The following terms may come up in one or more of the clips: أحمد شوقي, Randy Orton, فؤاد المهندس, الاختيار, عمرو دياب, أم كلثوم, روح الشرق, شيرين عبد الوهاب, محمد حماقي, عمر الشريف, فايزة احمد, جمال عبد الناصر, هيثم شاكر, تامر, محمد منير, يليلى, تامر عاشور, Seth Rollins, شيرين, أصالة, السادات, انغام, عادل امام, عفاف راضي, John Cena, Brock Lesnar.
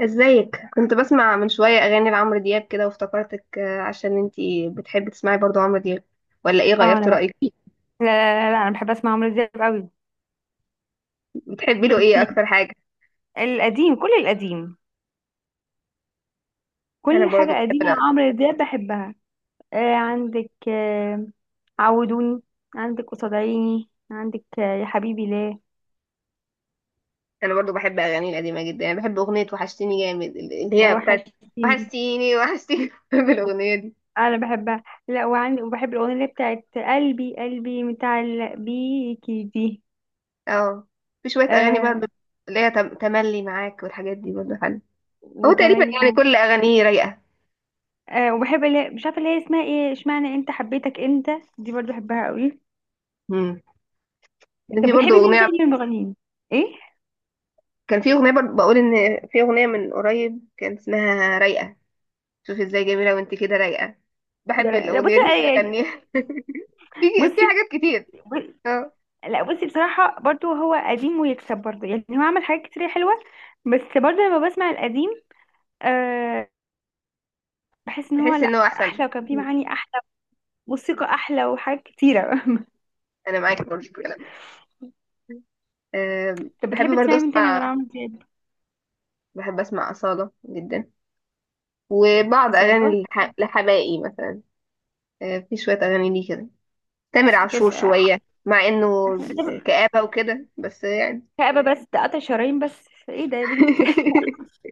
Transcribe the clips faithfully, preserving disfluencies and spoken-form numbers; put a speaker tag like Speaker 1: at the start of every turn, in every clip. Speaker 1: ازيك؟ كنت بسمع من شوية اغاني لعمرو دياب كده وافتكرتك آه، عشان انتي بتحبي تسمعي برضو عمرو دياب، ولا ايه؟
Speaker 2: اه انا
Speaker 1: غيرت
Speaker 2: بقى
Speaker 1: رأيك فيه؟
Speaker 2: لا لا لا، لا انا بحب اسمع عمرو دياب قوي.
Speaker 1: بتحبي له ايه
Speaker 2: كنتي
Speaker 1: اكتر حاجة؟
Speaker 2: القديم، كل القديم.
Speaker 1: انا
Speaker 2: كل
Speaker 1: برضو
Speaker 2: حاجه قديمه
Speaker 1: بحب
Speaker 2: عمرو دياب بحبها. آه عندك آه عودوني، عندك قصاد عيني، عندك آه يا حبيبي ليه.
Speaker 1: انا برضو بحب اغاني القديمة جدا، يعني بحب اغنية وحشتيني جامد اللي هي بتاعت
Speaker 2: وحشتيني.
Speaker 1: وحشتيني، وحشتيني بحب الاغنية دي.
Speaker 2: انا بحبها. لا وعندي وبحب الاغنيه اللي بتاعت قلبي قلبي متعلق بيكي دي.
Speaker 1: اه، في شوية اغاني
Speaker 2: آه،
Speaker 1: برضو، اللي هي تم- تملي معاك والحاجات دي برضو حلوة. هو تقريبا
Speaker 2: وتملي
Speaker 1: يعني
Speaker 2: معاك.
Speaker 1: كل اغانيه رايقة.
Speaker 2: آه، وبحب اللي مش عارفه اللي هي اسمها ايه، اشمعنى انت حبيتك انت. دي برضو بحبها قوي.
Speaker 1: امم
Speaker 2: طب
Speaker 1: في برضو
Speaker 2: بتحبي مين
Speaker 1: اغنية،
Speaker 2: تاني من المغنيين؟ ايه؟
Speaker 1: كان في اغنية برضو بقول، ان في اغنية من قريب كان اسمها رايقة، شوفي ازاي جميلة وانت كده رايقة.
Speaker 2: لا
Speaker 1: بحب
Speaker 2: لا لا،
Speaker 1: الأغنية
Speaker 2: بصي.
Speaker 1: دي
Speaker 2: يعني،
Speaker 1: أغنيها في في
Speaker 2: بصي،
Speaker 1: حاجات كتير.
Speaker 2: ب-
Speaker 1: اه،
Speaker 2: لا، بصي بصراحة برضو هو قديم ويكسب، برضو يعني هو عمل حاجات كتير حلوة. بس برضو لما بسمع القديم، آه، بحس ان هو
Speaker 1: تحس إن
Speaker 2: لا
Speaker 1: هو أحسن.
Speaker 2: احلى، وكان فيه معاني احلى، موسيقى احلى وحاجات كتيرة.
Speaker 1: أنا معاكي برضه في الكلام ده. أم،
Speaker 2: طب
Speaker 1: بحب
Speaker 2: بتحبي
Speaker 1: برضه
Speaker 2: تسمعي مين تاني غير
Speaker 1: أسمع،
Speaker 2: عمرو دياب؟
Speaker 1: بحب أسمع أصالة جدا، وبعض
Speaker 2: أصالة.
Speaker 1: أغاني الح- لحبائي مثلا. أه، في شوية أغاني ليه كده، تامر عاشور
Speaker 2: كانت آه،
Speaker 1: شوية، مع إنه كآبة وكده، بس يعني
Speaker 2: كآبة، بس ده قطع شرايين، بس ايه ده يا بنتي ده؟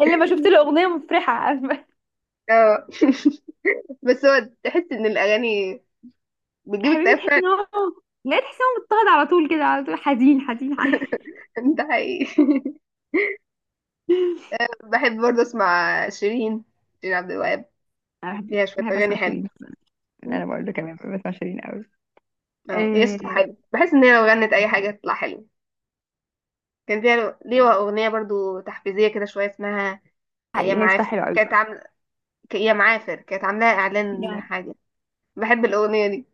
Speaker 2: الا ما شفت له اغنية مفرحة؟ عارفة؟
Speaker 1: اه بس هو تحس إن الأغاني بتجيب
Speaker 2: حبيبي
Speaker 1: اكتئاب
Speaker 2: تحسي
Speaker 1: فعلا.
Speaker 2: ان هو، لا تحسي ان هو مضطهد على طول كده، على طول حزين حزين حزين.
Speaker 1: ده حقيقي بحب برضه اسمع شيرين، شيرين عبد الوهاب،
Speaker 2: انا بحب،
Speaker 1: ليها شويه
Speaker 2: بحب
Speaker 1: اغاني
Speaker 2: اسمع
Speaker 1: حلوه.
Speaker 2: شيرين.
Speaker 1: مم.
Speaker 2: انا برضه كمان بسمع شيرين قوي.
Speaker 1: اه، هي صوتها
Speaker 2: إيه.
Speaker 1: حلو، بحس ان هي لو غنت اي حاجه تطلع حلوه. كان فيها ليها اغنيه برضه تحفيزيه كده شويه، اسمها يا
Speaker 2: حقيقي هي صوتها
Speaker 1: معافر،
Speaker 2: حلو قوي
Speaker 1: كانت
Speaker 2: بصراحة.
Speaker 1: عامله، ك- يا معافر كانت عاملاها اعلان
Speaker 2: لا،
Speaker 1: حاجه. بحب الاغنيه دي،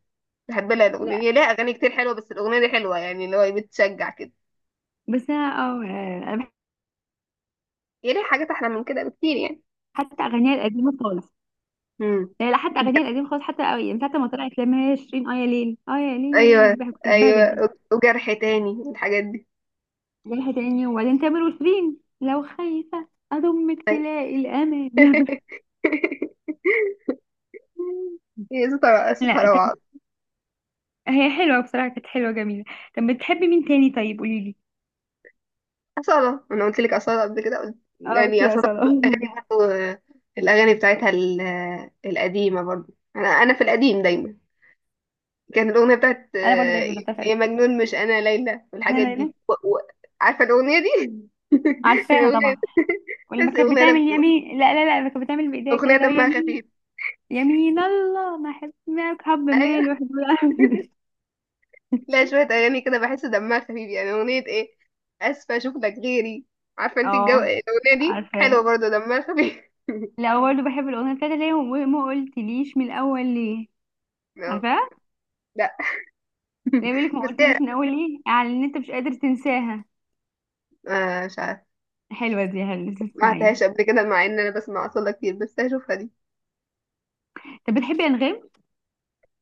Speaker 1: بحب لها الاغنيه
Speaker 2: لا
Speaker 1: دي، ليها اغاني كتير حلوه، بس الاغنيه دي حلوه يعني، اللي هو بتشجع كده.
Speaker 2: بس انا اه انا بحب
Speaker 1: هي ليها حاجات احلى من كده بكتير يعني.
Speaker 2: حتى اغانيها القديمه خالص.
Speaker 1: مم.
Speaker 2: لا لا، حتى اغانيها القديمه خالص، حتى قوي من ساعه ما طلعت لما هي شيرين، اه يا ليل، اه يا ليل
Speaker 1: ايوه،
Speaker 2: دي بحب، كنت بحبها جدا.
Speaker 1: ايوه، وجرح تاني، الحاجات دي.
Speaker 2: رايحه تاني وبعدين، تامر وشيرين لو خايفه اضمك
Speaker 1: أيوة
Speaker 2: تلاقي الامان.
Speaker 1: هي صوتها، صوتها
Speaker 2: لا طب،
Speaker 1: روعه.
Speaker 2: هي حلوه بصراحه، كانت حلوه جميله. طب بتحبي مين تاني؟ طيب قولي لي.
Speaker 1: أصالة، أنا قلت لك أصالة قبل كده قلت،
Speaker 2: اه، بس
Speaker 1: يعني
Speaker 2: يا
Speaker 1: أصالة
Speaker 2: صلاة.
Speaker 1: أغاني برضه. آه، الأغاني بتاعتها ال- آه، القديمة برضه، أنا أنا في القديم دايما. كانت الأغنية بتاعت
Speaker 2: انا برضه
Speaker 1: آه،
Speaker 2: زيك بالظبط، أنا فعلا.
Speaker 1: يا مجنون، مش أنا ليلى
Speaker 2: يا
Speaker 1: والحاجات دي
Speaker 2: ليلى.
Speaker 1: و... و... عارفة الأغنية دي؟
Speaker 2: عارفاها
Speaker 1: الأغنية
Speaker 2: طبعا.
Speaker 1: دي.
Speaker 2: ولما
Speaker 1: بس
Speaker 2: كانت
Speaker 1: أغنية
Speaker 2: بتعمل
Speaker 1: دم...
Speaker 2: يمين، لا لا لا، لما كانت بتعمل بايديها
Speaker 1: أغنية
Speaker 2: كده لو
Speaker 1: دمها
Speaker 2: يمين،
Speaker 1: خفيف.
Speaker 2: يمين الله ما حسناك، حب
Speaker 1: أيوة.
Speaker 2: مال واحد ولا-
Speaker 1: لا، شوية أغاني كده بحس دمها خفيف، يعني أغنية إيه؟ أسفة أشوف لك غيري. عارفة أنت الجو،
Speaker 2: اه،
Speaker 1: الأغنية دي حلوة
Speaker 2: عارفاه.
Speaker 1: برضه، دمها خفيف.
Speaker 2: لا برضه بحب الاغنيه بتاعت اللي هي ما قلتليش من الاول ليه.
Speaker 1: أه.
Speaker 2: عارفاه؟
Speaker 1: لا،
Speaker 2: اللي هي بيقولك ما
Speaker 1: بس هي
Speaker 2: قلتليش من الاول ليه، يعني ان انت مش قادر تنساها.
Speaker 1: آه، مش عارفة،
Speaker 2: حلوه دي، حلوه،
Speaker 1: ما
Speaker 2: تسمعيها.
Speaker 1: عدتهاش قبل كده، مع ان انا بسمع اصلا كتير، بس هشوفها دي.
Speaker 2: طب بتحبي انغام؟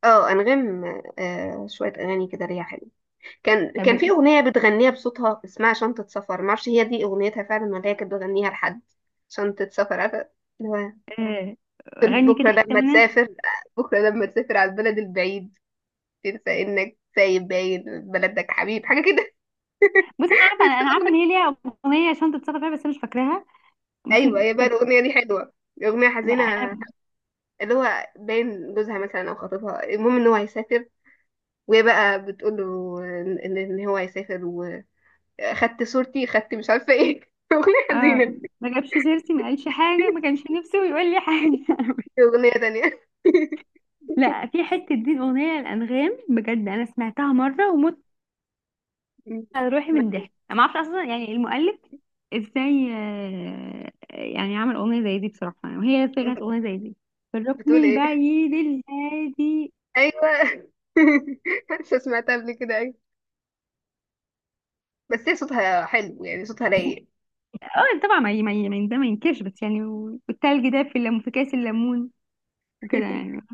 Speaker 1: اه انغام، آه، شويه اغاني كده ليها حلو. كان
Speaker 2: طب،
Speaker 1: كان في اغنيه بتغنيها بصوتها اسمها شنطه سفر، ما اعرفش هي دي اغنيتها فعلا، ولا هي كانت بتغنيها لحد. شنطه سفر، عارفه، اللي هو
Speaker 2: آه،
Speaker 1: تقول
Speaker 2: غني
Speaker 1: بكره
Speaker 2: كده حته
Speaker 1: لما
Speaker 2: منها.
Speaker 1: تسافر، بكره لما تسافر على البلد البعيد تنسى انك سايب باين بلدك حبيب، حاجه كده
Speaker 2: بصي، انا عارفه،
Speaker 1: بس
Speaker 2: انا أنا عارفه ان هي
Speaker 1: الاغنيه،
Speaker 2: ليها اغنيه عشان تتصرف فيها، بس انا مش فاكراها. بس
Speaker 1: ايوه، هي بقى
Speaker 2: طب
Speaker 1: الاغنيه دي حلوه، اغنيه
Speaker 2: لا
Speaker 1: حزينه، اللي هو باين جوزها مثلا او خطيبها، المهم ان هو هيسافر، وهي بقى بتقول له ان ان إن هو هيسافر، واخدت صورتي، خدت مش عارفه ايه اغنيه
Speaker 2: اه،
Speaker 1: حزينه.
Speaker 2: ما جابش سيرتي، ما قالش حاجه، ما كانش نفسه يقول لي حاجه.
Speaker 1: في اغنيه تانية.
Speaker 2: لا، في حته دي الاغنيه الانغام، بجد انا سمعتها مره ومت على روحي من الضحك، انا ما اعرفش اصلا يعني المؤلف ازاي، آه، يعني عمل اغنيه زي دي بصراحه، يعني وهي لسه كانت اغنيه زي دي في الركن
Speaker 1: بتقول ايه؟
Speaker 2: البعيد الهادي.
Speaker 1: ايوه لسه سمعتها قبل كده، ايوه. بس هي صوتها حلو يعني، صوتها رايق.
Speaker 2: اه طبعا، ما ي- ما ي- ما ده ما ينكرش، بس يعني و- والتلج ده في الليمون، في كاس الليمون وكده يعني.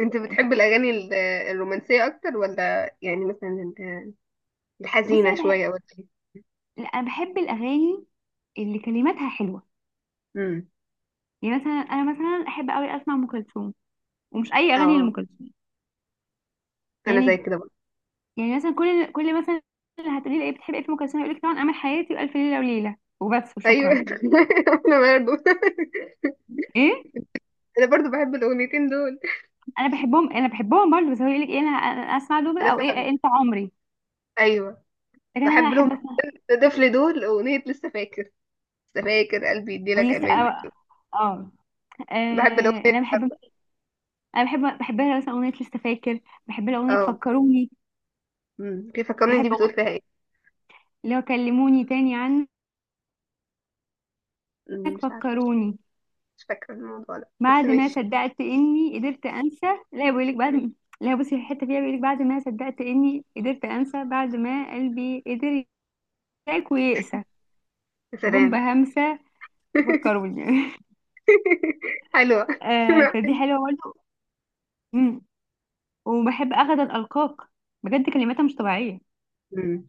Speaker 1: انت
Speaker 2: طب
Speaker 1: بتحب الاغاني ال- الرومانسيه اكتر، ولا يعني مثلا ال-
Speaker 2: بصي،
Speaker 1: الحزينه
Speaker 2: انا بحب،
Speaker 1: شويه، ولا ايه؟
Speaker 2: لا، انا بحب الاغاني اللي كلماتها حلوه.
Speaker 1: امم،
Speaker 2: يعني مثلا انا مثلا احب قوي اسمع ام كلثوم، ومش اي اغاني
Speaker 1: اه،
Speaker 2: لام كلثوم.
Speaker 1: انا زي
Speaker 2: يعني،
Speaker 1: كده برضه.
Speaker 2: يعني مثلا كل كل مثلا اللي هتقولي لي ايه بتحبي ايه في ام كلثوم، يقول لك طبعا امل حياتي والف ليله وليله وبس
Speaker 1: ايوه
Speaker 2: وشكرا.
Speaker 1: انا برضه
Speaker 2: ايه.
Speaker 1: انا برضه بحب الاغنيتين دول.
Speaker 2: انا بحبهم، انا بحبهم برضه، بس هو يقول لك ايه، انا أنا اسمع دول
Speaker 1: انا
Speaker 2: او ايه، إيه،
Speaker 1: فاهم.
Speaker 2: انت عمري.
Speaker 1: ايوه،
Speaker 2: لكن انا
Speaker 1: بحب لهم
Speaker 2: احب اسمع،
Speaker 1: طفل دول، أغنية لسه فاكر، لسه فاكر قلبي يديلك
Speaker 2: ولسه،
Speaker 1: أمان.
Speaker 2: اه، آه،
Speaker 1: بحب
Speaker 2: آه،
Speaker 1: الأغنية.
Speaker 2: انا بحب، انا بحب، بحب لها مثلا اغنيه لسه فاكر. بحب لها اغنيه
Speaker 1: اه،
Speaker 2: فكروني.
Speaker 1: أمم، كيف فكرني دي
Speaker 2: بحب أغ-
Speaker 1: بتقول فيها ايه؟
Speaker 2: اللي هو كلموني تاني عنك،
Speaker 1: أمم، مش عارفة مش
Speaker 2: فكروني.
Speaker 1: مش فاكرة الموضوع ده،
Speaker 2: بعد
Speaker 1: بس
Speaker 2: ما
Speaker 1: ماشي.
Speaker 2: صدقت اني قدرت انسى. لا بيقول لك بعد ما... لا بصي الحته فيها بيقول لك بعد ما صدقت اني قدرت انسى، بعد ما قلبي قدر يشاك ويقسى،
Speaker 1: يا
Speaker 2: جم
Speaker 1: سلام
Speaker 2: بهمسه فكروني.
Speaker 1: حلوة.
Speaker 2: آه فدي حلوه برضه. مم. وبحب اخد الالقاك، بجد كلماتها مش طبيعيه.
Speaker 1: أمم.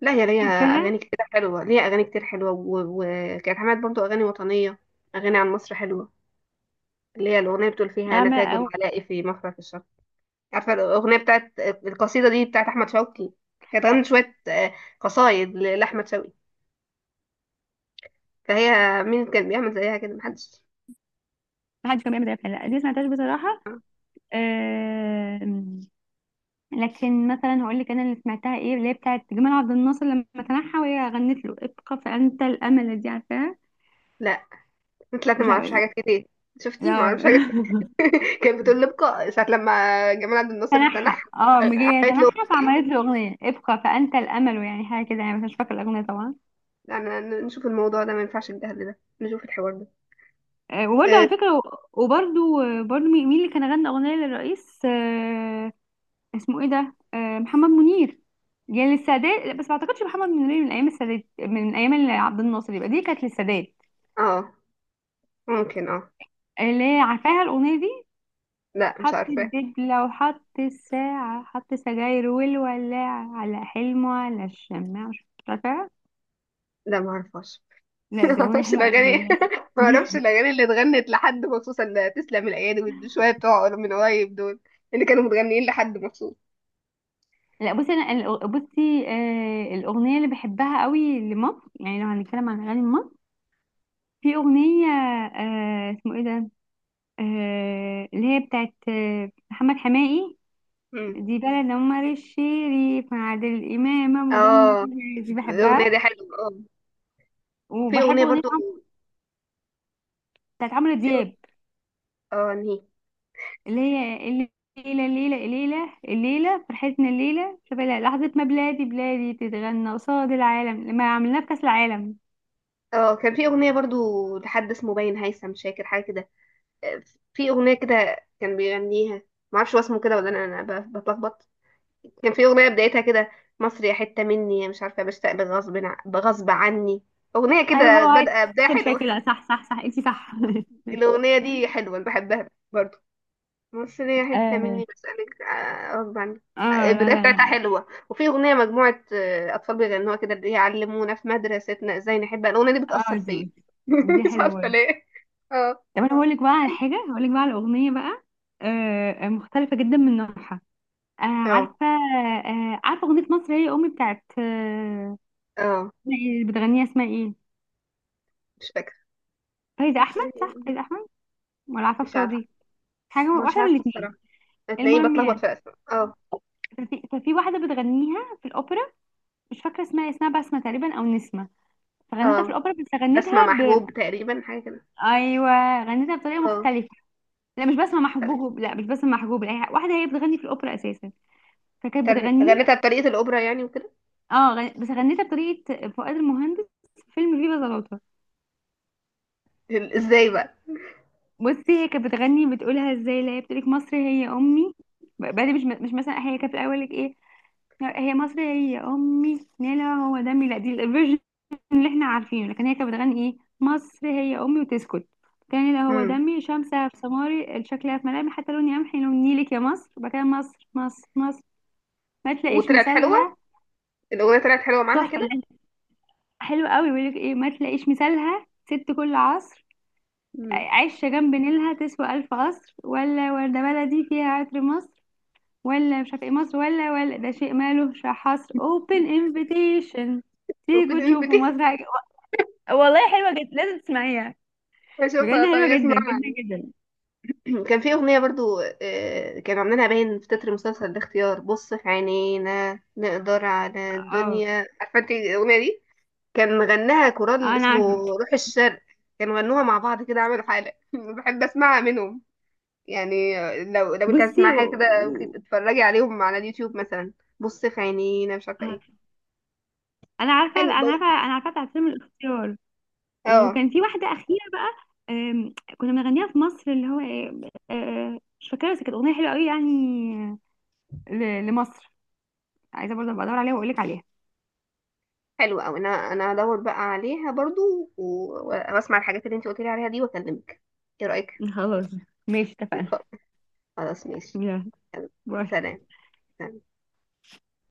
Speaker 1: لا، هي ليها أغاني
Speaker 2: عارفاها؟
Speaker 1: كتير حلوة، ليها أغاني كتير حلوة و- وكانت عملت برضو أغاني وطنية، أغاني عن مصر حلوة، اللي هي الأغنية بتقول فيها أنا
Speaker 2: اعمى
Speaker 1: تاج
Speaker 2: او،
Speaker 1: العلاء في مفرق الشرق. عارفة الأغنية بتاعت القصيدة دي بتاعت أحمد شوقي؟ كانت
Speaker 2: لا
Speaker 1: غنت شوية آه، قصايد لأحمد شوقي، فهي مين كان بيعمل زيها كده؟ محدش.
Speaker 2: ما حدش كان بيعمل ده فعلا. لا، دي ما سمعتهاش بصراحه. آه... لكن مثلا هقول لك انا اللي سمعتها ايه، اللي هي بتاعت جمال عبد الناصر لما تنحى، وهي غنت له ابقى فانت الامل، دي عارفاها؟
Speaker 1: لا طلعت
Speaker 2: مش
Speaker 1: ما اعرفش
Speaker 2: عارفة.
Speaker 1: حاجات كتير، شفتي ما
Speaker 2: لا.
Speaker 1: اعرفش حاجات كتير كانت بتقول لبقى ساعة لما جمال عبد الناصر
Speaker 2: تنحى،
Speaker 1: تنح،
Speaker 2: اه مجيه
Speaker 1: قالت له
Speaker 2: تنحى فعملت له اغنيه ابقى فانت الامل، يعني حاجه كده يعني، بس مش فاكره الاغنيه طبعا.
Speaker 1: انا نشوف الموضوع ده، ما ينفعش الجهل ده، نشوف الحوار ده.
Speaker 2: آه، وبرضه
Speaker 1: اه،
Speaker 2: على فكره. وبرضه، برضه مين مين اللي كان غنى اغنيه للرئيس، آه، اسمه ايه ده؟ آه، محمد منير. يعني للسادات، لا، بس ما اعتقدش محمد منير من ايام السادات، من ايام اللي عبد الناصر، يبقى دي كانت للسادات.
Speaker 1: آه، ممكن اه.
Speaker 2: اللي هي عارفاها الاغنيه دي.
Speaker 1: لا، مش
Speaker 2: حط
Speaker 1: عارفة.
Speaker 2: الدبلة وحط الساعة، حط سجاير والولاعة، على حلمه على الشماعة، مش عارفة.
Speaker 1: لا، ما اعرفهاش
Speaker 2: لا
Speaker 1: ما
Speaker 2: دي أغنية
Speaker 1: اعرفش
Speaker 2: حلوة عبد
Speaker 1: الاغاني
Speaker 2: الله.
Speaker 1: ما اعرفش الاغاني اللي اتغنت لحد مخصوص، اللي تسلم الايادي والشوية بتوع من قريب دول، اللي كانوا متغنيين لحد مخصوص.
Speaker 2: لا بصي انا الأغ- بصي، آه الاغنيه اللي بحبها قوي لمصر، يعني لو هنتكلم عن اغاني مصر. في اغنيه، آه اسمه ايه ده، آه اللي هي بتاعت آه محمد حماقي.
Speaker 1: مم.
Speaker 2: دي بلد عمر الشريف مع عادل امام ودم
Speaker 1: اه،
Speaker 2: خفيف، دي
Speaker 1: الاغنية
Speaker 2: بحبها.
Speaker 1: دي حلوة، اه، في
Speaker 2: وبحب
Speaker 1: اغنية
Speaker 2: اغنيه
Speaker 1: برضو،
Speaker 2: عم- بتاعت عمرو
Speaker 1: في أغ-
Speaker 2: دياب
Speaker 1: اه، انهي؟
Speaker 2: اللي هي الليله، الليله الليله الليله فرحتنا الليله، شوف لحظه ما بلادي بلادي تتغنى قصاد العالم لما عملناه في كاس العالم.
Speaker 1: اه، كان في اغنيه برضو لحد اسمه باين هيثم شاكر حاجه كده، آه، في اغنيه كده كان بيغنيها، معرفش هو اسمه كده ولا انا، انا ب- بتلخبط. كان في اغنيه بدايتها كده، مصر يا حته مني، يا مش عارفه بشتاق، بغصب ع- بغصب عني، اغنيه
Speaker 2: ايوه،
Speaker 1: كده
Speaker 2: هو
Speaker 1: بادئه بدايه
Speaker 2: هيثم
Speaker 1: حلوه
Speaker 2: شاكر، صح صح صح، انت صح.
Speaker 1: الاغنيه دي حلوه، أنا بحبها برضو. بص ليا حتة
Speaker 2: آه.
Speaker 1: مني، بسألك آه، غصب عني.
Speaker 2: اه لا
Speaker 1: البداية
Speaker 2: لا
Speaker 1: بتاعتها
Speaker 2: لا،
Speaker 1: حلوة، وفي أغنية مجموعة آه، أطفال بيغنوها كده، اللي هي علمونا في مدرستنا إزاي نحب، الأغنية دي
Speaker 2: اه
Speaker 1: بتأثر
Speaker 2: دي،
Speaker 1: فيا
Speaker 2: دي
Speaker 1: مش
Speaker 2: حلوه
Speaker 1: عارفة
Speaker 2: برضه.
Speaker 1: ليه. اه،
Speaker 2: طب انا هقول لك بقى على حاجه، هقول لك بقى على اغنيه بقى، آه مختلفه جدا من نوعها. آه
Speaker 1: اه،
Speaker 2: عارفه، آه عارفه اغنيه مصر هي امي بتاعت آه،
Speaker 1: اه.
Speaker 2: اسمها إيه اللي بتغنيها، اسمها ايه؟
Speaker 1: مش فاكرة.
Speaker 2: فايزه احمد، صح فايزه احمد ولا
Speaker 1: مش
Speaker 2: عفاف
Speaker 1: عارفة.
Speaker 2: راضي، حاجه
Speaker 1: مش
Speaker 2: واحده
Speaker 1: عارفة
Speaker 2: من
Speaker 1: الصراحة.
Speaker 2: الاثنين.
Speaker 1: هتلاقيني
Speaker 2: المهم
Speaker 1: بتلخبط
Speaker 2: يعني،
Speaker 1: في أسماء. اه،
Speaker 2: ففي ففي واحده بتغنيها في الاوبرا، مش فاكره اسمها إيه، اسمها بسمه تقريبا او نسمه، فغنتها في
Speaker 1: اه،
Speaker 2: الاوبرا بس
Speaker 1: بسمع
Speaker 2: غنتها.
Speaker 1: محجوب تقريبا، حاجة كده.
Speaker 2: ايوه، غنيتها بطريقه
Speaker 1: اه.
Speaker 2: مختلفه. لا مش بسمع
Speaker 1: تمام.
Speaker 2: محبوب، لا مش بسمع محبوب، لا هي- واحده هي بتغني في الاوبرا اساسا، فكانت
Speaker 1: تم-
Speaker 2: بتغنيها.
Speaker 1: غنيتها بطريقة الأوبرا يعني وكده.
Speaker 2: اه غن... بس غنيتها بطريقه فؤاد المهندس في فيلم فيفا زلاطه.
Speaker 1: إزاي بقى؟
Speaker 2: بصي هي كانت بتغني بتقولها ازاي، لا هي بتقولك مصر هي امي، بعدين مش مش مثلا هي كانت الاول لك ايه، هي مصر هي امي لا لا، هو دمي، لا دي الفيرجن اللي احنا عارفينه، لكن هي كانت بتغني ايه مصر هي امي وتسكت. كان اللي هو
Speaker 1: مم.
Speaker 2: دمي شمسها في سماري، شكلها في ملامح، حتى لوني قمحي لون نيلك يا مصر، وبعد كده مصر مصر مصر ما تلاقيش
Speaker 1: وطلعت حلوة،
Speaker 2: مثالها.
Speaker 1: الأغنية طلعت حلوة معاها
Speaker 2: تحفه،
Speaker 1: كده.
Speaker 2: لأن حلو قوي، بيقول لك ايه، ما تلاقيش مثالها ست كل عصر،
Speaker 1: مم.
Speaker 2: عايشه جنب نيلها تسوى الف قصر، ولا ورده بلدي فيها عطر مصر، ولا مش عارفه ايه مصر، ولا ولا ده شيء مالوش حصر، open invitation، تيجوا
Speaker 1: وبتنفتي.
Speaker 2: تشوفوا مصر حاجة. والله حلوه جدا، لازم تسمعيها.
Speaker 1: اشوفها،
Speaker 2: بجد حلوة
Speaker 1: طيب
Speaker 2: جدا
Speaker 1: اسمعها.
Speaker 2: جدا جدا.
Speaker 1: كان في اغنيه برضو آه، كانوا عاملينها باين في تتر مسلسل الاختيار، بص في عينينا نقدر على
Speaker 2: اه،
Speaker 1: الدنيا، عارفه انت الاغنيه دي؟ كان غناها كورال
Speaker 2: آه، انا
Speaker 1: اسمه
Speaker 2: عارفة،
Speaker 1: روح الشرق، كانوا غنوها مع بعض كده، عملوا حاله بحب اسمعها منهم يعني. آه، لو لو انت عايز
Speaker 2: بصي
Speaker 1: تسمع
Speaker 2: و...
Speaker 1: حاجه كده،
Speaker 2: و...
Speaker 1: ممكن تتفرجي عليهم على اليوتيوب مثلا. بص في عينينا، مش عارفه
Speaker 2: آه،
Speaker 1: ايه.
Speaker 2: انا عارفة
Speaker 1: حلو
Speaker 2: انا
Speaker 1: بقى.
Speaker 2: عارفة انا عارفة بتاعت فيلم الاختيار.
Speaker 1: اه.
Speaker 2: وكان في واحدة أخيرة بقى، آم، كنا بنغنيها في مصر اللي هو إيه، آه، مش فاكرة بس كانت أغنية حلوة قوي يعني، ل... لمصر، عايزة برضه أبقى أدور عليها وأقول لك عليها.
Speaker 1: حلو قوي، انا انا هدور بقى عليها برضو، و- واسمع الحاجات اللي انت قلت لي عليها دي، واكلمك، ايه رايك؟
Speaker 2: خلاص، ماشي اتفقنا.
Speaker 1: خلاص، ماشي.
Speaker 2: يلا،
Speaker 1: يلا.
Speaker 2: باي.
Speaker 1: سلام. سلام.